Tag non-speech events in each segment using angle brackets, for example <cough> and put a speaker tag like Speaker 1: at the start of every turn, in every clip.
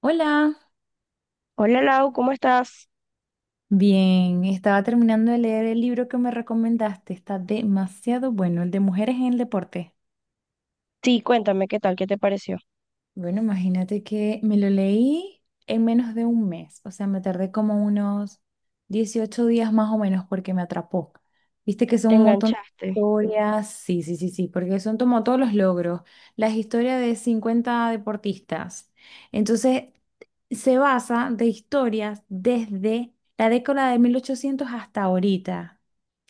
Speaker 1: Hola,
Speaker 2: Hola Lau, ¿cómo estás?
Speaker 1: bien, estaba terminando de leer el libro que me recomendaste, está demasiado bueno, el de mujeres en el deporte.
Speaker 2: Sí, cuéntame qué tal, qué te pareció.
Speaker 1: Bueno, imagínate que me lo leí en menos de un mes, o sea, me tardé como unos 18 días más o menos porque me atrapó. Viste que
Speaker 2: ¿Te
Speaker 1: son un montón de
Speaker 2: enganchaste?
Speaker 1: historias, sí, sí, sí, sí, porque son como todos los logros, las historias de 50 deportistas. Entonces, se basa de historias desde la década de 1800 hasta ahorita.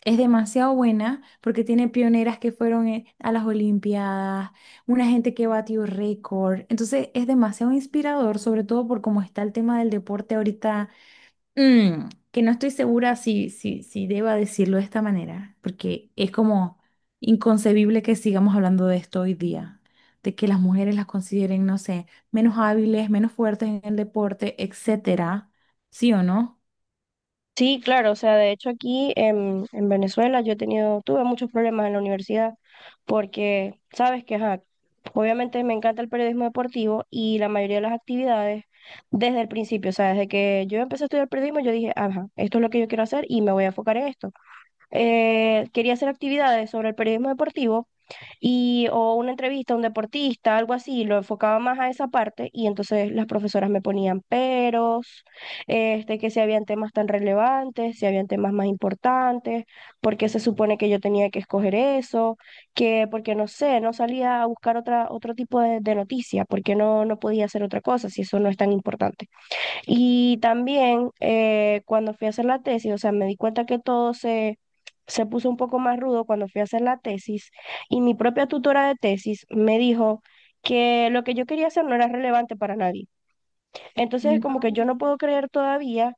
Speaker 1: Es demasiado buena porque tiene pioneras que fueron a las Olimpiadas, una gente que batió récord. Entonces es demasiado inspirador, sobre todo por cómo está el tema del deporte ahorita, que no estoy segura si deba decirlo de esta manera, porque es como inconcebible que sigamos hablando de esto hoy día, de que las mujeres las consideren, no sé, menos hábiles, menos fuertes en el deporte, etcétera. ¿Sí o no?
Speaker 2: Sí, claro, o sea, de hecho aquí en Venezuela yo he tenido, tuve muchos problemas en la universidad porque, sabes que, ajá, obviamente me encanta el periodismo deportivo y la mayoría de las actividades desde el principio, o sea, desde que yo empecé a estudiar periodismo yo dije, ajá, esto es lo que yo quiero hacer y me voy a enfocar en esto. Quería hacer actividades sobre el periodismo deportivo, y o una entrevista a un deportista, algo así, lo enfocaba más a esa parte y entonces las profesoras me ponían peros, este, que si habían temas tan relevantes, si habían temas más importantes, porque se supone que yo tenía que escoger eso, que porque no sé, no salía a buscar otra, otro tipo de noticia, porque no, no podía hacer otra cosa si eso no es tan importante. Y también cuando fui a hacer la tesis, o sea, me di cuenta que todo se puso un poco más rudo cuando fui a hacer la tesis y mi propia tutora de tesis me dijo que lo que yo quería hacer no era relevante para nadie. Entonces es como que yo
Speaker 1: No.
Speaker 2: no puedo creer todavía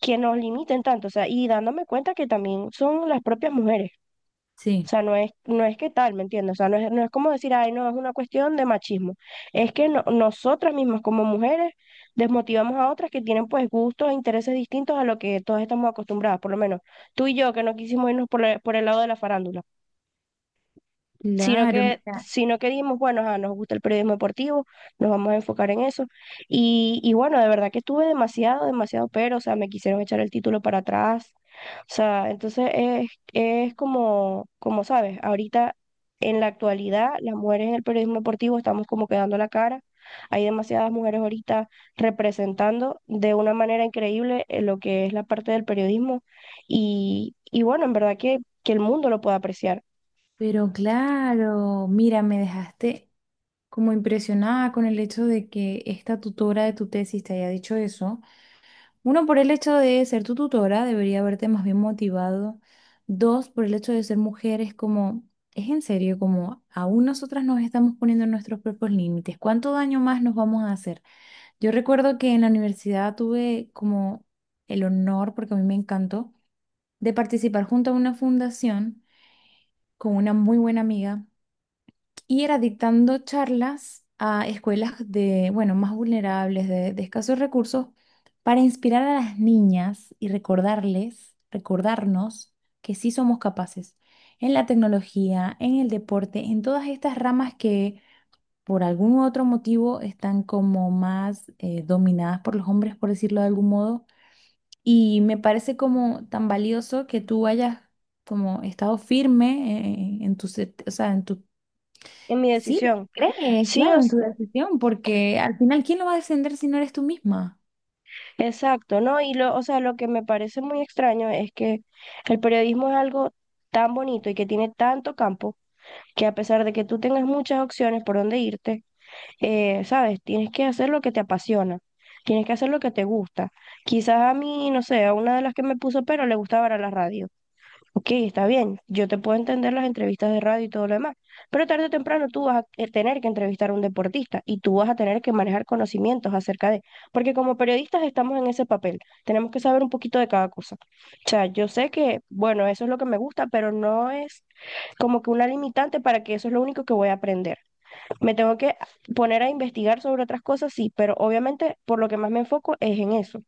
Speaker 2: que nos limiten tanto, o sea, y dándome cuenta que también son las propias mujeres. O
Speaker 1: Sí,
Speaker 2: sea, no es que tal, ¿me entiendes? O sea, no es como decir, ay, no, es una cuestión de machismo. Es que nosotras mismas como mujeres desmotivamos a otras que tienen pues gustos e intereses distintos a lo que todas estamos acostumbradas, por lo menos tú y yo que no quisimos irnos por, por el lado de la farándula
Speaker 1: claro, mira,
Speaker 2: sino que dijimos, bueno, ajá, nos gusta el periodismo deportivo, nos vamos a enfocar en eso. Y bueno, de verdad que estuve demasiado, demasiado, pero, o sea, me quisieron echar el título para atrás. O sea, entonces es como, como sabes, ahorita en la actualidad las mujeres en el periodismo deportivo estamos como quedando la cara. Hay demasiadas mujeres ahorita representando de una manera increíble lo que es la parte del periodismo y bueno, en verdad que el mundo lo puede apreciar.
Speaker 1: pero claro, mira, me dejaste como impresionada con el hecho de que esta tutora de tu tesis te haya dicho eso. Uno, por el hecho de ser tu tutora, debería haberte más bien motivado. Dos, por el hecho de ser mujer, es como, es en serio, como aún nosotras nos estamos poniendo nuestros propios límites. ¿Cuánto daño más nos vamos a hacer? Yo recuerdo que en la universidad tuve como el honor, porque a mí me encantó, de participar junto a una fundación con una muy buena amiga y era dictando charlas a escuelas de, bueno, más vulnerables, de escasos recursos, para inspirar a las niñas y recordarles, recordarnos que sí somos capaces en la tecnología, en el deporte, en todas estas ramas que por algún otro motivo están como más dominadas por los hombres, por decirlo de algún modo. Y me parece como tan valioso que tú hayas como estado firme en, tu, o sea, en tu
Speaker 2: En mi
Speaker 1: Sí, lo
Speaker 2: decisión.
Speaker 1: crees,
Speaker 2: Sí,
Speaker 1: claro, en tu decisión, porque al final, ¿quién lo va a defender si no eres tú misma?
Speaker 2: exacto, ¿no? Y lo, o sea, lo que me parece muy extraño es que el periodismo es algo tan bonito y que tiene tanto campo que a pesar de que tú tengas muchas opciones por dónde irte, sabes, tienes que hacer lo que te apasiona, tienes que hacer lo que te gusta. Quizás a mí, no sé, a una de las que me puso pero le gustaba era la radio. Ok, está bien, yo te puedo entender las entrevistas de radio y todo lo demás, pero tarde o temprano tú vas a tener que entrevistar a un deportista y tú vas a tener que manejar conocimientos acerca de, porque como periodistas estamos en ese papel, tenemos que saber un poquito de cada cosa. O sea, yo sé que, bueno, eso es lo que me gusta, pero no es como que una limitante para que eso es lo único que voy a aprender. Me tengo que poner a investigar sobre otras cosas, sí, pero obviamente por lo que más me enfoco es en eso.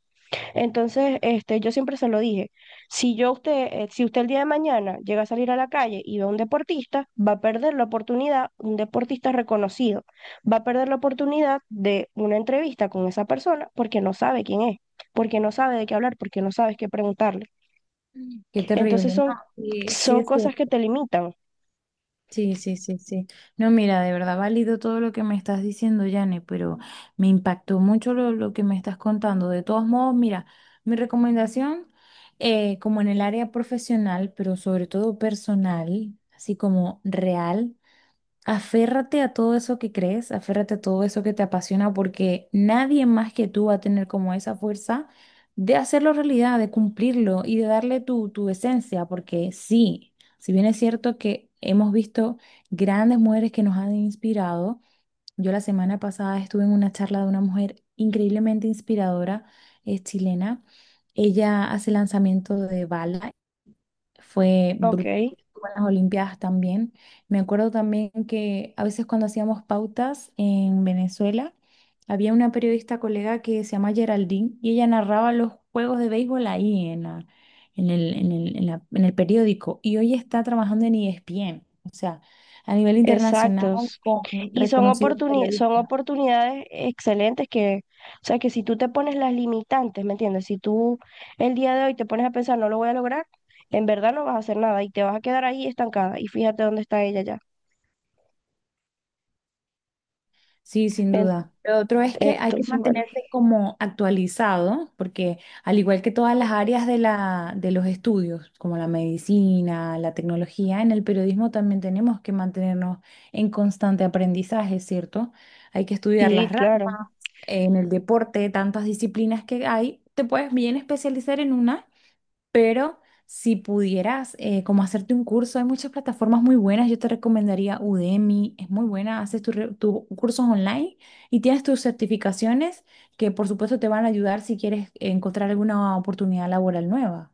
Speaker 2: Entonces, este, yo siempre se lo dije, si yo a usted, si usted el día de mañana llega a salir a la calle y ve a un deportista, va a perder la oportunidad, un deportista reconocido, va a perder la oportunidad de una entrevista con esa persona porque no sabe quién es, porque no sabe de qué hablar, porque no sabes qué preguntarle.
Speaker 1: Mm. Qué terrible,
Speaker 2: Entonces
Speaker 1: ¿no?
Speaker 2: son,
Speaker 1: Sí, sí,
Speaker 2: son
Speaker 1: es
Speaker 2: cosas
Speaker 1: cierto.
Speaker 2: que te limitan.
Speaker 1: Sí, sí, sí, sí. No, mira, de verdad, válido todo lo que me estás diciendo, Yane, pero me impactó mucho lo que me estás contando. De todos modos, mira, mi recomendación, como en el área profesional, pero sobre todo personal, así como real. Aférrate a todo eso que crees, aférrate a todo eso que te apasiona, porque nadie más que tú va a tener como esa fuerza de hacerlo realidad, de cumplirlo y de darle tu, tu esencia, porque sí, si bien es cierto que hemos visto grandes mujeres que nos han inspirado, yo la semana pasada estuve en una charla de una mujer increíblemente inspiradora, es chilena, ella hace lanzamiento de bala fue
Speaker 2: Ok,
Speaker 1: brutal con las Olimpiadas también. Me acuerdo también que a veces cuando hacíamos pautas en Venezuela, había una periodista colega que se llama Geraldine y ella narraba los juegos de béisbol ahí en la, en el periódico y hoy está trabajando en ESPN, o sea, a nivel internacional
Speaker 2: exacto.
Speaker 1: con
Speaker 2: Y son
Speaker 1: reconocidos
Speaker 2: son
Speaker 1: periodistas.
Speaker 2: oportunidades excelentes o sea, que si tú te pones las limitantes, ¿me entiendes? Si tú el día de hoy te pones a pensar, no lo voy a lograr, en verdad no vas a hacer nada y te vas a quedar ahí estancada. Y fíjate dónde está ella ya.
Speaker 1: Sí, sin
Speaker 2: En-
Speaker 1: duda. Lo otro es que hay que
Speaker 2: entonces, bueno,
Speaker 1: mantenerse como actualizado, porque al igual que todas las áreas de la, de los estudios, como la medicina, la tecnología, en el periodismo también tenemos que mantenernos en constante aprendizaje, ¿cierto? Hay que estudiar
Speaker 2: sí,
Speaker 1: las
Speaker 2: claro.
Speaker 1: ramas, en el deporte, tantas disciplinas que hay, te puedes bien especializar en una pero si pudieras, como hacerte un curso, hay muchas plataformas muy buenas. Yo te recomendaría Udemy, es muy buena. Haces tus cursos online y tienes tus certificaciones que, por supuesto, te van a ayudar si quieres encontrar alguna oportunidad laboral nueva.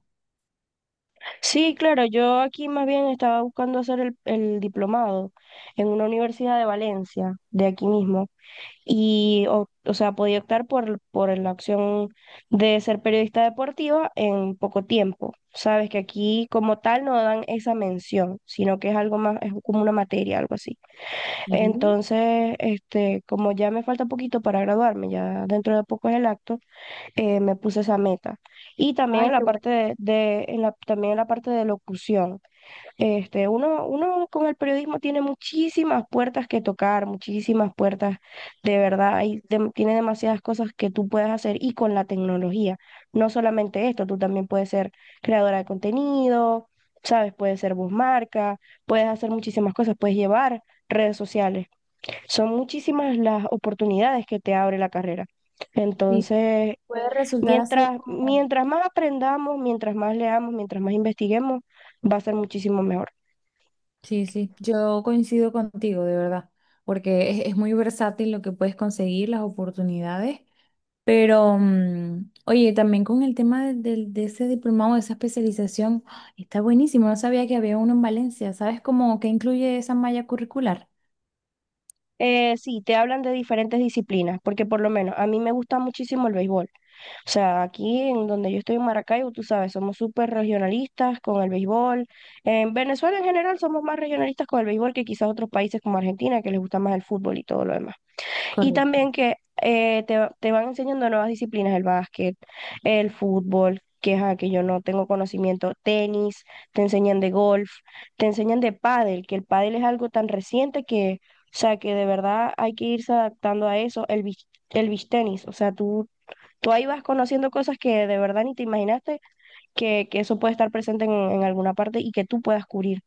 Speaker 2: Sí, claro, yo aquí más bien estaba buscando hacer el diplomado en una universidad de Valencia, de aquí mismo. O sea, podía optar por la opción de ser periodista deportiva en poco tiempo. Sabes que aquí como tal no dan esa mención, sino que es algo más, es como una materia, algo así.
Speaker 1: Ujú.
Speaker 2: Entonces, este, como ya me falta poquito para graduarme, ya dentro de poco es el acto, me puse esa meta. Y también en
Speaker 1: Ay,
Speaker 2: la
Speaker 1: qué bueno.
Speaker 2: parte en la, también en la parte de locución. Este, uno con el periodismo tiene muchísimas puertas que tocar, muchísimas puertas, de verdad, tiene demasiadas cosas que tú puedes hacer y con la tecnología. No solamente esto, tú también puedes ser creadora de contenido, sabes, puedes ser voz marca, puedes hacer muchísimas cosas, puedes llevar redes sociales. Son muchísimas las oportunidades que te abre la carrera.
Speaker 1: Sí,
Speaker 2: Entonces,
Speaker 1: puede resultar hacer como...
Speaker 2: Mientras más aprendamos, mientras más leamos, mientras más investiguemos, va a ser muchísimo mejor.
Speaker 1: Sí, sí, yo coincido contigo, de verdad, porque es muy versátil lo que puedes conseguir, las oportunidades. Pero, oye, también con el tema de, de ese diplomado, de esa especialización, ¡ah! Está buenísimo. No sabía que había uno en Valencia. ¿Sabes cómo que incluye esa malla curricular?
Speaker 2: Sí, te hablan de diferentes disciplinas, porque por lo menos a mí me gusta muchísimo el béisbol. O sea, aquí en donde yo estoy en Maracaibo, tú sabes, somos súper regionalistas con el béisbol. En Venezuela en general somos más regionalistas con el béisbol que quizás otros países como Argentina, que les gusta más el fútbol y todo lo demás. Y
Speaker 1: Correcto.
Speaker 2: también que te van enseñando nuevas disciplinas, el básquet, el fútbol, que, ajá, que yo no tengo conocimiento, tenis, te enseñan de golf, te enseñan de pádel, que el pádel es algo tan reciente que, o sea, que de verdad hay que irse adaptando a eso, el beach tenis, o sea, tú ahí vas conociendo cosas que de verdad ni te imaginaste que eso puede estar presente en alguna parte y que tú puedas cubrir.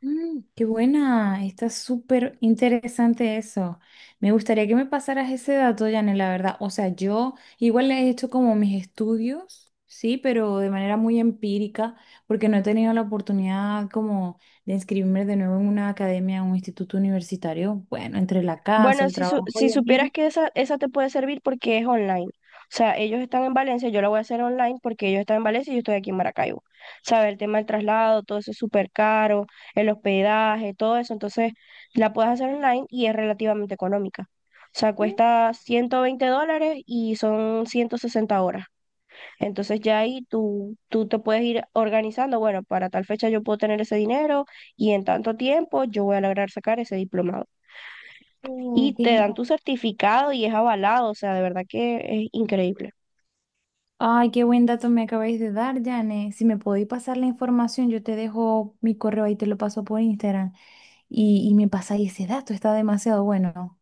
Speaker 1: Mm, qué buena, está súper interesante eso. Me gustaría que me pasaras ese dato, Janet, la verdad. O sea, yo igual he hecho como mis estudios, sí, pero de manera muy empírica, porque no he tenido la oportunidad como de inscribirme de nuevo en una academia, en un instituto universitario. Bueno, entre la casa,
Speaker 2: Bueno,
Speaker 1: el trabajo
Speaker 2: si
Speaker 1: y el
Speaker 2: supieras
Speaker 1: niño.
Speaker 2: que esa te puede servir porque es online. O sea, ellos están en Valencia, yo la voy a hacer online porque ellos están en Valencia y yo estoy aquí en Maracaibo. ¿Sabes? El tema del traslado, todo eso es súper caro, el hospedaje, todo eso. Entonces, la puedes hacer online y es relativamente económica. O sea, cuesta $120 y son 160 horas. Entonces, ya ahí tú te puedes ir organizando. Bueno, para tal fecha yo puedo tener ese dinero y en tanto tiempo yo voy a lograr sacar ese diplomado y
Speaker 1: Mm,
Speaker 2: te
Speaker 1: dije,
Speaker 2: dan tu certificado y es avalado, o sea, de verdad que es increíble.
Speaker 1: ay, qué buen dato me acabáis de dar, Jane. Si me podéis pasar la información, yo te dejo mi correo y te lo paso por Instagram. Y me pasáis ese dato, está demasiado bueno.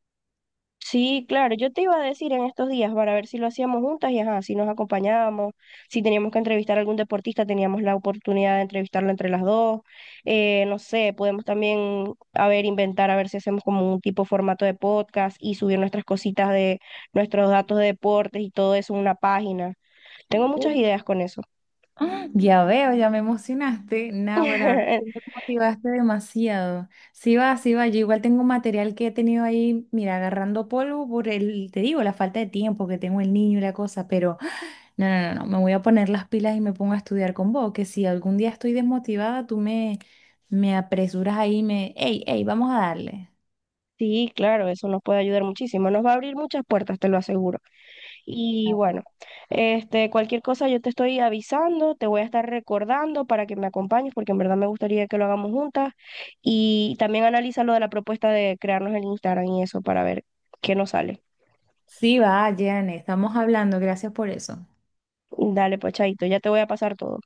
Speaker 2: Sí, claro, yo te iba a decir en estos días para ver si lo hacíamos juntas y ajá, si nos acompañábamos, si teníamos que entrevistar a algún deportista, teníamos la oportunidad de entrevistarlo entre las dos, no sé, podemos también, a ver, inventar, a ver si hacemos como un tipo formato de podcast y subir nuestras cositas de nuestros datos de deportes y todo eso en una página. Tengo muchas
Speaker 1: Uh,
Speaker 2: ideas con eso.
Speaker 1: ¡Ah! Ya veo, ya me emocionaste. Nahuara, ahora sí me
Speaker 2: <laughs>
Speaker 1: motivaste demasiado. Sí va, sí va. Yo igual tengo material que he tenido ahí, mira, agarrando polvo por el, te digo, la falta de tiempo que tengo el niño y la cosa, pero no, no, no, no, me voy a poner las pilas y me pongo a estudiar con vos, que si algún día estoy desmotivada, me apresuras ahí y me... hey, hey, ¡vamos a darle!
Speaker 2: Sí, claro, eso nos puede ayudar muchísimo, nos va a abrir muchas puertas, te lo aseguro. Y
Speaker 1: Gracias.
Speaker 2: bueno, este, cualquier cosa yo te estoy avisando, te voy a estar recordando para que me acompañes, porque en verdad me gustaría que lo hagamos juntas. Y también analiza lo de la propuesta de crearnos el Instagram y eso para ver qué nos sale.
Speaker 1: Sí, va, Jane, estamos hablando, gracias por eso.
Speaker 2: Dale, pues, chaito, ya te voy a pasar todo.